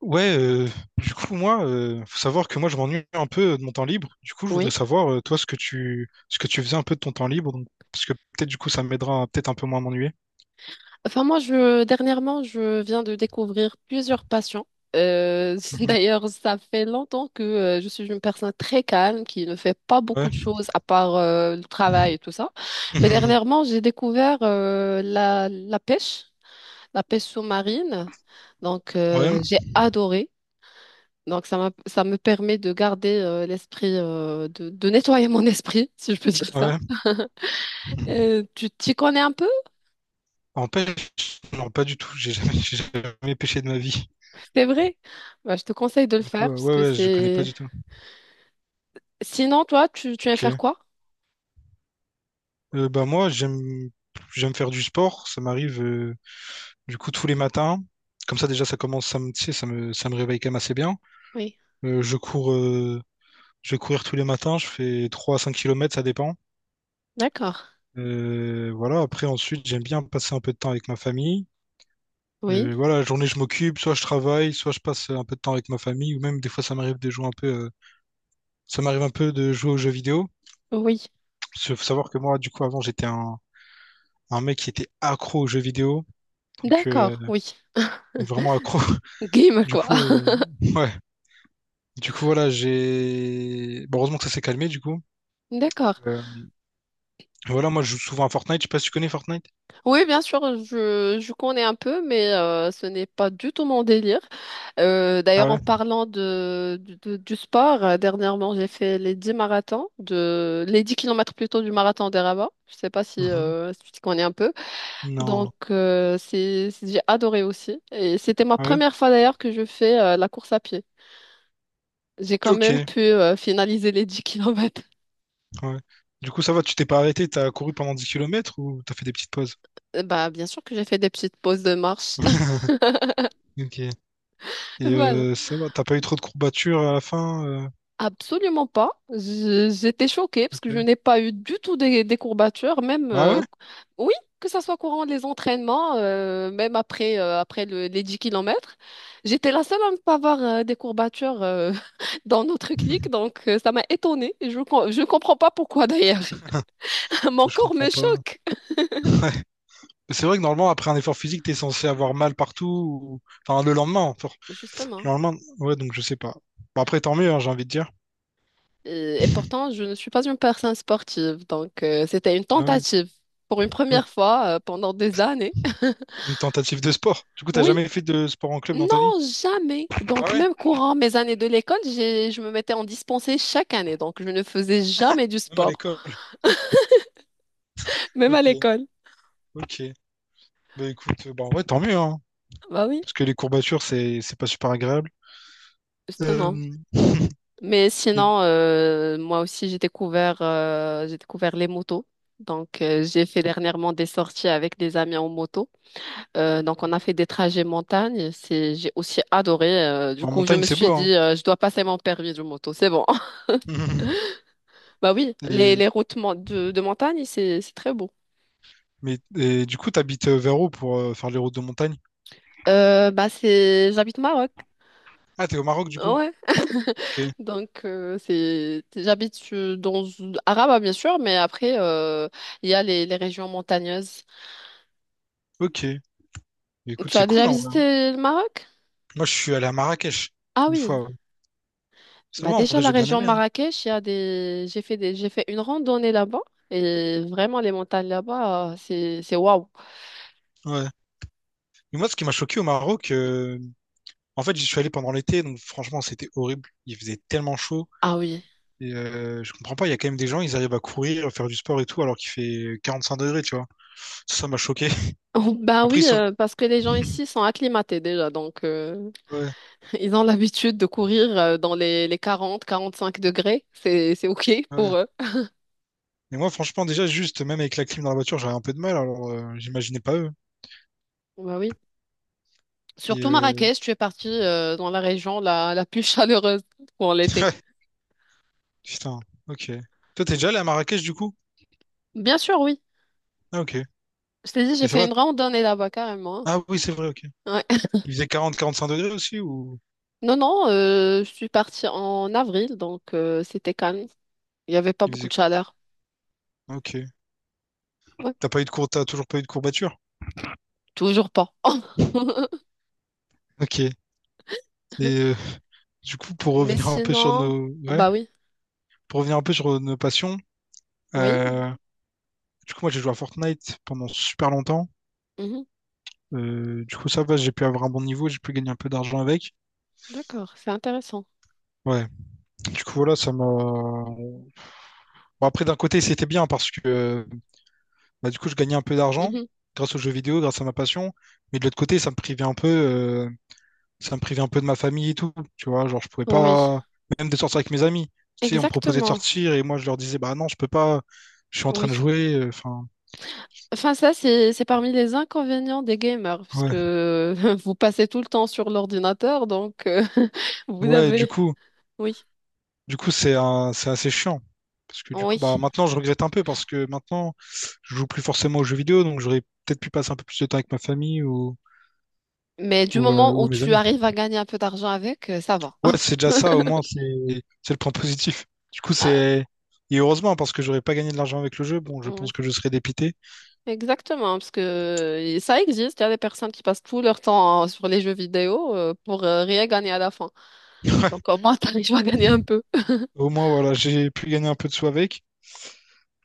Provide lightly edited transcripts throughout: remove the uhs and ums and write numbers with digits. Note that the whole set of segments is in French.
Ouais, euh, du coup, moi, faut savoir que moi, je m'ennuie un peu de mon temps libre. Du coup, je voudrais Oui. savoir, toi, ce que tu faisais un peu de ton temps libre, donc, parce que peut-être, du coup, ça m'aidera à peut-être un peu moins m'ennuyer. Enfin, moi, dernièrement, je viens de découvrir plusieurs passions. Mhm. D'ailleurs, ça fait longtemps que je suis une personne très calme qui ne fait pas beaucoup Ouais. de choses à part le travail et tout ça. Mais Mhm. dernièrement, j'ai découvert la pêche sous-marine. Donc, Ouais. J'ai adoré. Donc, ça me permet de de nettoyer mon esprit, si je peux dire ça. Ouais. Mhm. Tu t'y connais un peu? En pêche, non, pas du tout. J'ai jamais, j'ai jamais pêché de ma vie. C'est vrai? Bah, je te conseille de le Du coup, faire parce ouais, que ouais, je connais pas c'est... du tout. Sinon, toi, tu aimes faire Ok. quoi? Moi, j'aime faire du sport. Ça m'arrive, du coup, tous les matins. Comme ça, déjà, ça me, tu sais, ça me réveille quand même assez bien. Oui. Je cours. Je vais courir tous les matins, je fais 3 à 5 kilomètres, ça dépend. D'accord. Voilà, après, ensuite, j'aime bien passer un peu de temps avec ma famille. Oui. Voilà, la journée, je m'occupe, soit je travaille, soit je passe un peu de temps avec ma famille, ou même des fois, ça m'arrive un peu de jouer aux jeux vidéo. Oui. Parce qu'il faut savoir que moi, du coup, avant, un mec qui était accro aux jeux vidéo, donc euh, D'accord. Oui. vraiment accro. Game, Du quoi. coup, euh, ouais, du coup, voilà, j'ai. Bon, heureusement que ça s'est calmé, du coup. D'accord. Euh, voilà, moi, je joue souvent à Fortnite, je sais pas si tu connais Fortnite. Oui, bien sûr, je connais un peu, mais ce n'est pas du tout mon délire. Ah D'ailleurs, en ouais? parlant du sport, dernièrement, j'ai fait les 10 kilomètres plutôt du marathon des Rabat. Je ne sais pas si, Mhm. euh, si tu connais un peu. Non. Donc, j'ai adoré aussi. Et c'était ma Ouais. première fois d'ailleurs que je fais la course à pied. J'ai quand Ok, même pu finaliser les 10 kilomètres. ouais. Du coup, ça va, tu t'es pas arrêté, t'as couru pendant 10 kilomètres ou t'as fait des petites pauses? Bah, bien sûr que j'ai fait des petites pauses de marche. Ok. Et Voilà. Ça va, t'as pas eu trop de courbatures à la fin? Absolument pas. J'étais choquée parce que je Ok. n'ai pas eu du tout des courbatures, même Ah ouais? Oui, que ça soit courant les entraînements, même après les 10 kilomètres. J'étais la seule à ne pas avoir des courbatures dans notre clique, donc ça m'a étonnée. Et je ne comprends pas pourquoi d'ailleurs. Mon Hmm, je corps comprends me pas. choque. Mais c'est vrai que normalement, après un effort physique, t'es censé avoir mal partout. Enfin, le lendemain. Justement. Le lendemain, ouais, donc je sais pas. Bon, après, tant mieux, hein, j'ai envie de dire. Et pourtant, je ne suis pas une personne sportive, donc c'était une Ah ouais, tentative pour une ok. première fois pendant des années. Une tentative de sport. Du coup, t'as Oui. jamais fait de sport en club dans ta vie? Non, jamais. Ah Donc, ouais? même courant mes années de l'école, je me mettais en dispensée chaque année. Donc, je ne faisais jamais du Même à sport, l'école. même à Ok, l'école. ok. Bah écoute, bah ouais, tant mieux, hein. Bah oui, Parce que les courbatures, c'est pas super agréable. justement. Euh, Mais et- sinon, moi aussi, j'ai découvert les motos. Donc, j'ai fait dernièrement des sorties avec des amis en moto. Donc, on a fait des trajets montagne. J'ai aussi adoré. Euh, du en coup, je montagne, me c'est suis beau, hein. dit, je dois passer mon permis de moto. C'est bon. Bah oui, les, Et, les routes de montagne, c'est très beau. Et du coup, t'habites vers où pour faire les routes de montagne? Bah c'est j'habite au Maroc. Ah, t'es au Maroc, du coup? Ouais. Ok. Donc c'est j'habite dans Araba bien sûr, mais après il y a les régions montagneuses. Ok. Mais écoute, Tu c'est as déjà cool, en vrai. Hein. visité le Maroc? Moi, je suis allé à Marrakech, Ah une oui. fois. Ouais. Ça Bah va, en déjà vrai, la j'ai bien région aimé. Hein. Marrakech, il y a des j'ai fait une randonnée là-bas et vraiment les montagnes là-bas c'est waouh. Ouais. Mais moi, ce qui m'a choqué au Maroc, en fait, j'y suis allé pendant l'été, donc franchement, c'était horrible. Il faisait tellement chaud. Ah oui. Et je comprends pas, il y a quand même des gens, ils arrivent à courir, à faire du sport et tout, alors qu'il fait 45 degrés, tu vois. Ça m'a choqué. Bah Après, ils oui, sont... parce que les gens ici sont acclimatés déjà, donc Ouais, ils ont l'habitude de courir dans les quarante quarante cinq degrés. C'est OK ouais. pour eux. Mais moi, franchement, déjà, juste, même avec la clim dans la voiture, j'avais un peu de mal, alors j'imaginais pas eux. Bah oui. Et Surtout Marrakech, tu es partie dans la région la plus chaleureuse pour l'été. ouais, putain, ok. Toi, t'es déjà allé à Marrakech, du coup? Bien sûr, oui. Ah, ok. Je t'ai dit, j'ai Et ça fait va? une randonnée là-bas carrément, Ah oui, c'est vrai, ok. hein. Ouais. Il faisait 40-45 degrés aussi, ou Non, non, je suis partie en avril, donc c'était calme. Il n'y avait pas il beaucoup faisait... de chaleur. Ok. Ouais. T'as pas eu de cour... T'as toujours pas eu de courbature? Toujours pas. Ok. Et euh, pour Mais revenir un peu sur sinon, nos... ah Ouais, bah oui, pour revenir un peu sur nos passions, oui. euh, du coup, moi, j'ai joué à Fortnite pendant super longtemps. Mhm. Du coup, ça va, j'ai pu avoir un bon niveau, j'ai pu gagner un peu d'argent avec. D'accord, c'est intéressant. Ouais. Du coup, voilà, ça m'a... Bon, après, d'un côté, c'était bien parce que bah, du coup, je gagnais un peu d'argent Mhm. grâce aux jeux vidéo, grâce à ma passion. Mais de l'autre côté, ça me privait un peu de ma famille et tout. Tu vois, genre, je pouvais Oui, pas, même de sortir avec mes amis. Tu sais, on me proposait de exactement. sortir et moi, je leur disais, bah non, je peux pas, je suis en Oui. train de jouer. Enfin, Enfin, ça, c'est parmi les inconvénients des gamers, parce ouais. que vous passez tout le temps sur l'ordinateur, donc vous Ouais, du avez... coup, Oui, du coup, c'est assez chiant. Parce que du coup, bah oui. maintenant, je regrette un peu parce que maintenant, je joue plus forcément aux jeux vidéo, donc j'aurais peut-être pu passer un peu plus de temps avec ma famille Mais du moment ou où mes tu amis. arrives à gagner un peu d'argent avec, ça va. Ouais, c'est déjà ça, au moins, c'est le point positif. Du coup, Ah, c'est. Et heureusement, parce que j'aurais pas gagné de l'argent avec le jeu, bon, je oui. pense que je serais dépité. Exactement, parce que ça existe, il y a des personnes qui passent tout leur temps sur les jeux vidéo pour rien gagner à la fin. Ouais. Donc au moins, t'arrives à gagner un peu. Au moins, voilà, j'ai pu gagner un peu de sous avec.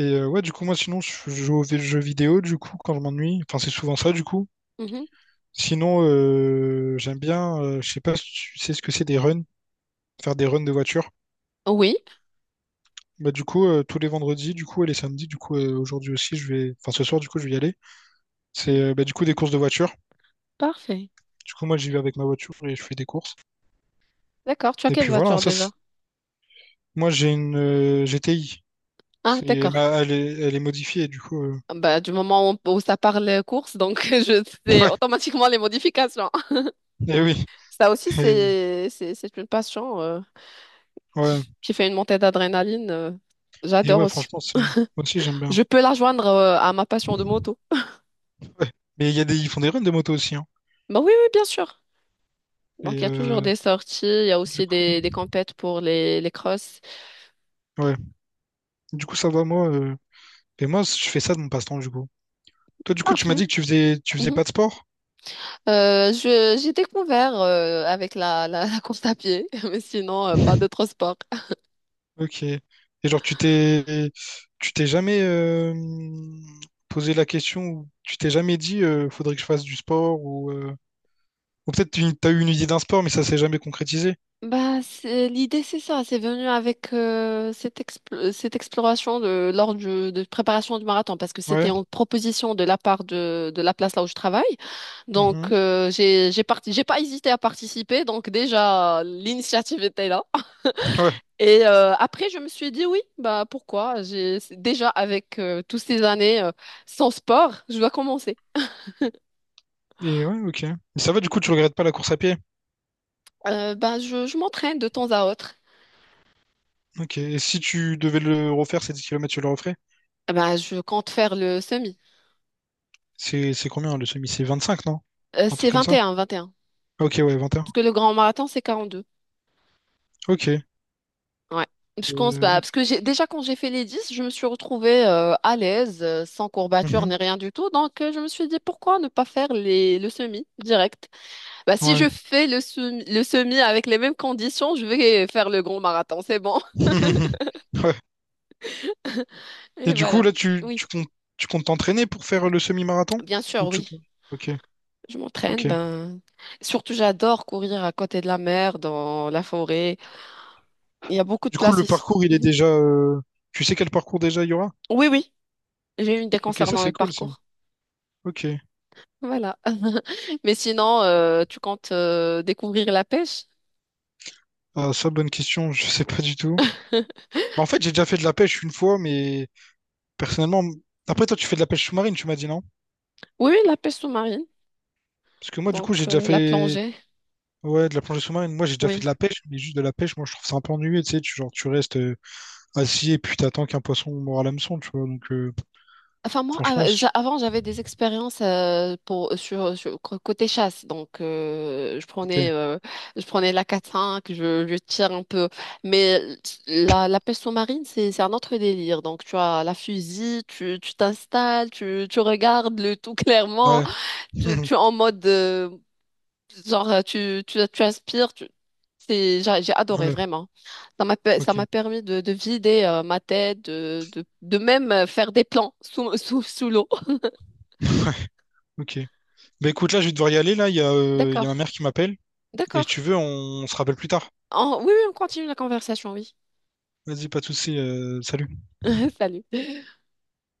Et ouais, du coup, moi, sinon, je joue aux jeux vidéo, du coup, quand je m'ennuie. Enfin, c'est souvent ça, du coup. Mhm. Sinon, j'aime bien, je sais pas si tu sais ce que c'est des runs, faire des runs de voiture. Oui, Bah, du coup, tous les vendredis, du coup, et les samedis, du coup, aujourd'hui aussi, enfin, ce soir, du coup, je vais y aller. Bah, du coup, des courses de voiture. parfait. Du coup, moi, j'y vais avec ma voiture et je fais des courses. D'accord, tu as Et quelle puis voilà, hein, voiture déjà? moi, j'ai une GTI. Ah, C'est, d'accord. bah, elle est modifiée, du coup. Bah, du moment où ça parle course, donc je sais automatiquement les modifications. Ouais, Ça aussi, et, c'est une passion ouais, qui, qui fait une montée d'adrénaline. euh, et j'adore ouais, aussi. franchement, moi aussi, j'aime bien. Je peux la joindre à ma passion de moto. Ouais. Mais il y a des, ils font des runs de moto aussi, hein. Bah oui, oui, bien sûr. Donc, Et il y a toujours des sorties, il y a du aussi coup, des compètes pour les crosses. ouais, du coup, ça va, moi. Et moi, je fais ça de mon passe-temps, du coup. Toi, du coup, tu m'as Parfait. dit tu faisais Mhm. pas de sport? J'ai découvert avec la course à pied, mais sinon, pas d'autres sports. Ok. Et genre, tu t'es jamais posé la question, ou tu t'es jamais dit, faudrait que je fasse du sport, ou peut-être tu as eu une idée d'un sport, mais ça s'est jamais concrétisé. Bah, l'idée, c'est ça. C'est venu avec cette exploration de préparation du marathon, parce que c'était Ouais. en proposition de la part de la place là où je travaille. Mhm. Donc, j'ai pas hésité à participer. Donc, déjà, l'initiative était là. Ouais. Et après, je me suis dit, oui, bah, pourquoi? Déjà, avec toutes ces années sans sport, je dois commencer. Et ouais, ok. Et ça va, du coup, tu regrettes pas la course à pied. Bah, je m'entraîne de temps à autre. Ok. Et si tu devais le refaire, ces 10 kilomètres, tu le referais? Bah, je compte faire le semi. C'est combien le semi? C'est 25 non? Euh, Un c'est truc comme vingt et ça? un. 21. Ok, ouais, 21. Parce que le grand marathon, c'est 42. Ok. Ouais. Je pense Euh, pas. Parce que j'ai déjà quand j'ai fait les 10, je me suis retrouvée à l'aise, sans courbature mhm. ni rien du tout. Donc je me suis dit pourquoi ne pas faire le semi direct? Bah si Ouais. je fais le semi avec les mêmes conditions, je vais faire le grand marathon, c'est bon. Ouais. Et Et du coup, voilà. là, Oui, tu comptes t'entraîner pour faire le semi-marathon? bien sûr, Ou tu oui. comptes... Ok, Je m'entraîne, ok. ben surtout j'adore courir à côté de la mer, dans la forêt. Il y a beaucoup de Du coup, place le ici. parcours, il est Mhm. déjà... Tu sais quel parcours déjà il y aura? Oui, oui. J'ai une idée Ok, ça, concernant le c'est cool, ça. parcours. Ok. Voilà. Mais sinon, tu comptes découvrir la pêche? Ah, ça, bonne question, je sais pas du tout. Bah, en fait, j'ai déjà fait de la pêche une fois, mais personnellement... Après, toi, tu fais de la pêche sous-marine, tu m'as dit, non? Oui, oui, la pêche sous-marine, Parce que moi, du donc coup, j'ai déjà la fait... plongée, Ouais, de la plongée sous-marine. Moi, j'ai déjà fait oui. de la pêche, mais juste de la pêche, moi, je trouve ça un peu ennuyeux, tu sais. Tu, genre, tu restes assis et puis t'attends qu'un poisson mord à l'hameçon, tu vois. Enfin, moi, franchement, av- c'est- j'a- avant, j'avais des expériences pour, sur, sur- co- côté chasse. Donc, je prenais, ok. euh, je prenais la 4-5, je tire un peu. Mais la pêche sous-marine, c'est un autre délire. Donc, tu as la fusil, tu t'installes, tu regardes le tout clairement. Ouais. Tu, tu es en mode, genre, tu inspires, tu... J'ai adoré Ouais. vraiment. Ça m'a, pe- ça Ok, m'a permis de vider ma tête, de même faire des plans sous l'eau. ok. Bah écoute, là, je vais devoir y aller. Là, il y a D'accord, ma mère qui m'appelle. Et si tu d'accord. veux, on se rappelle plus tard. Oui, oui, on continue la conversation, oui. Vas-y, pas de souci. Salut. Salut.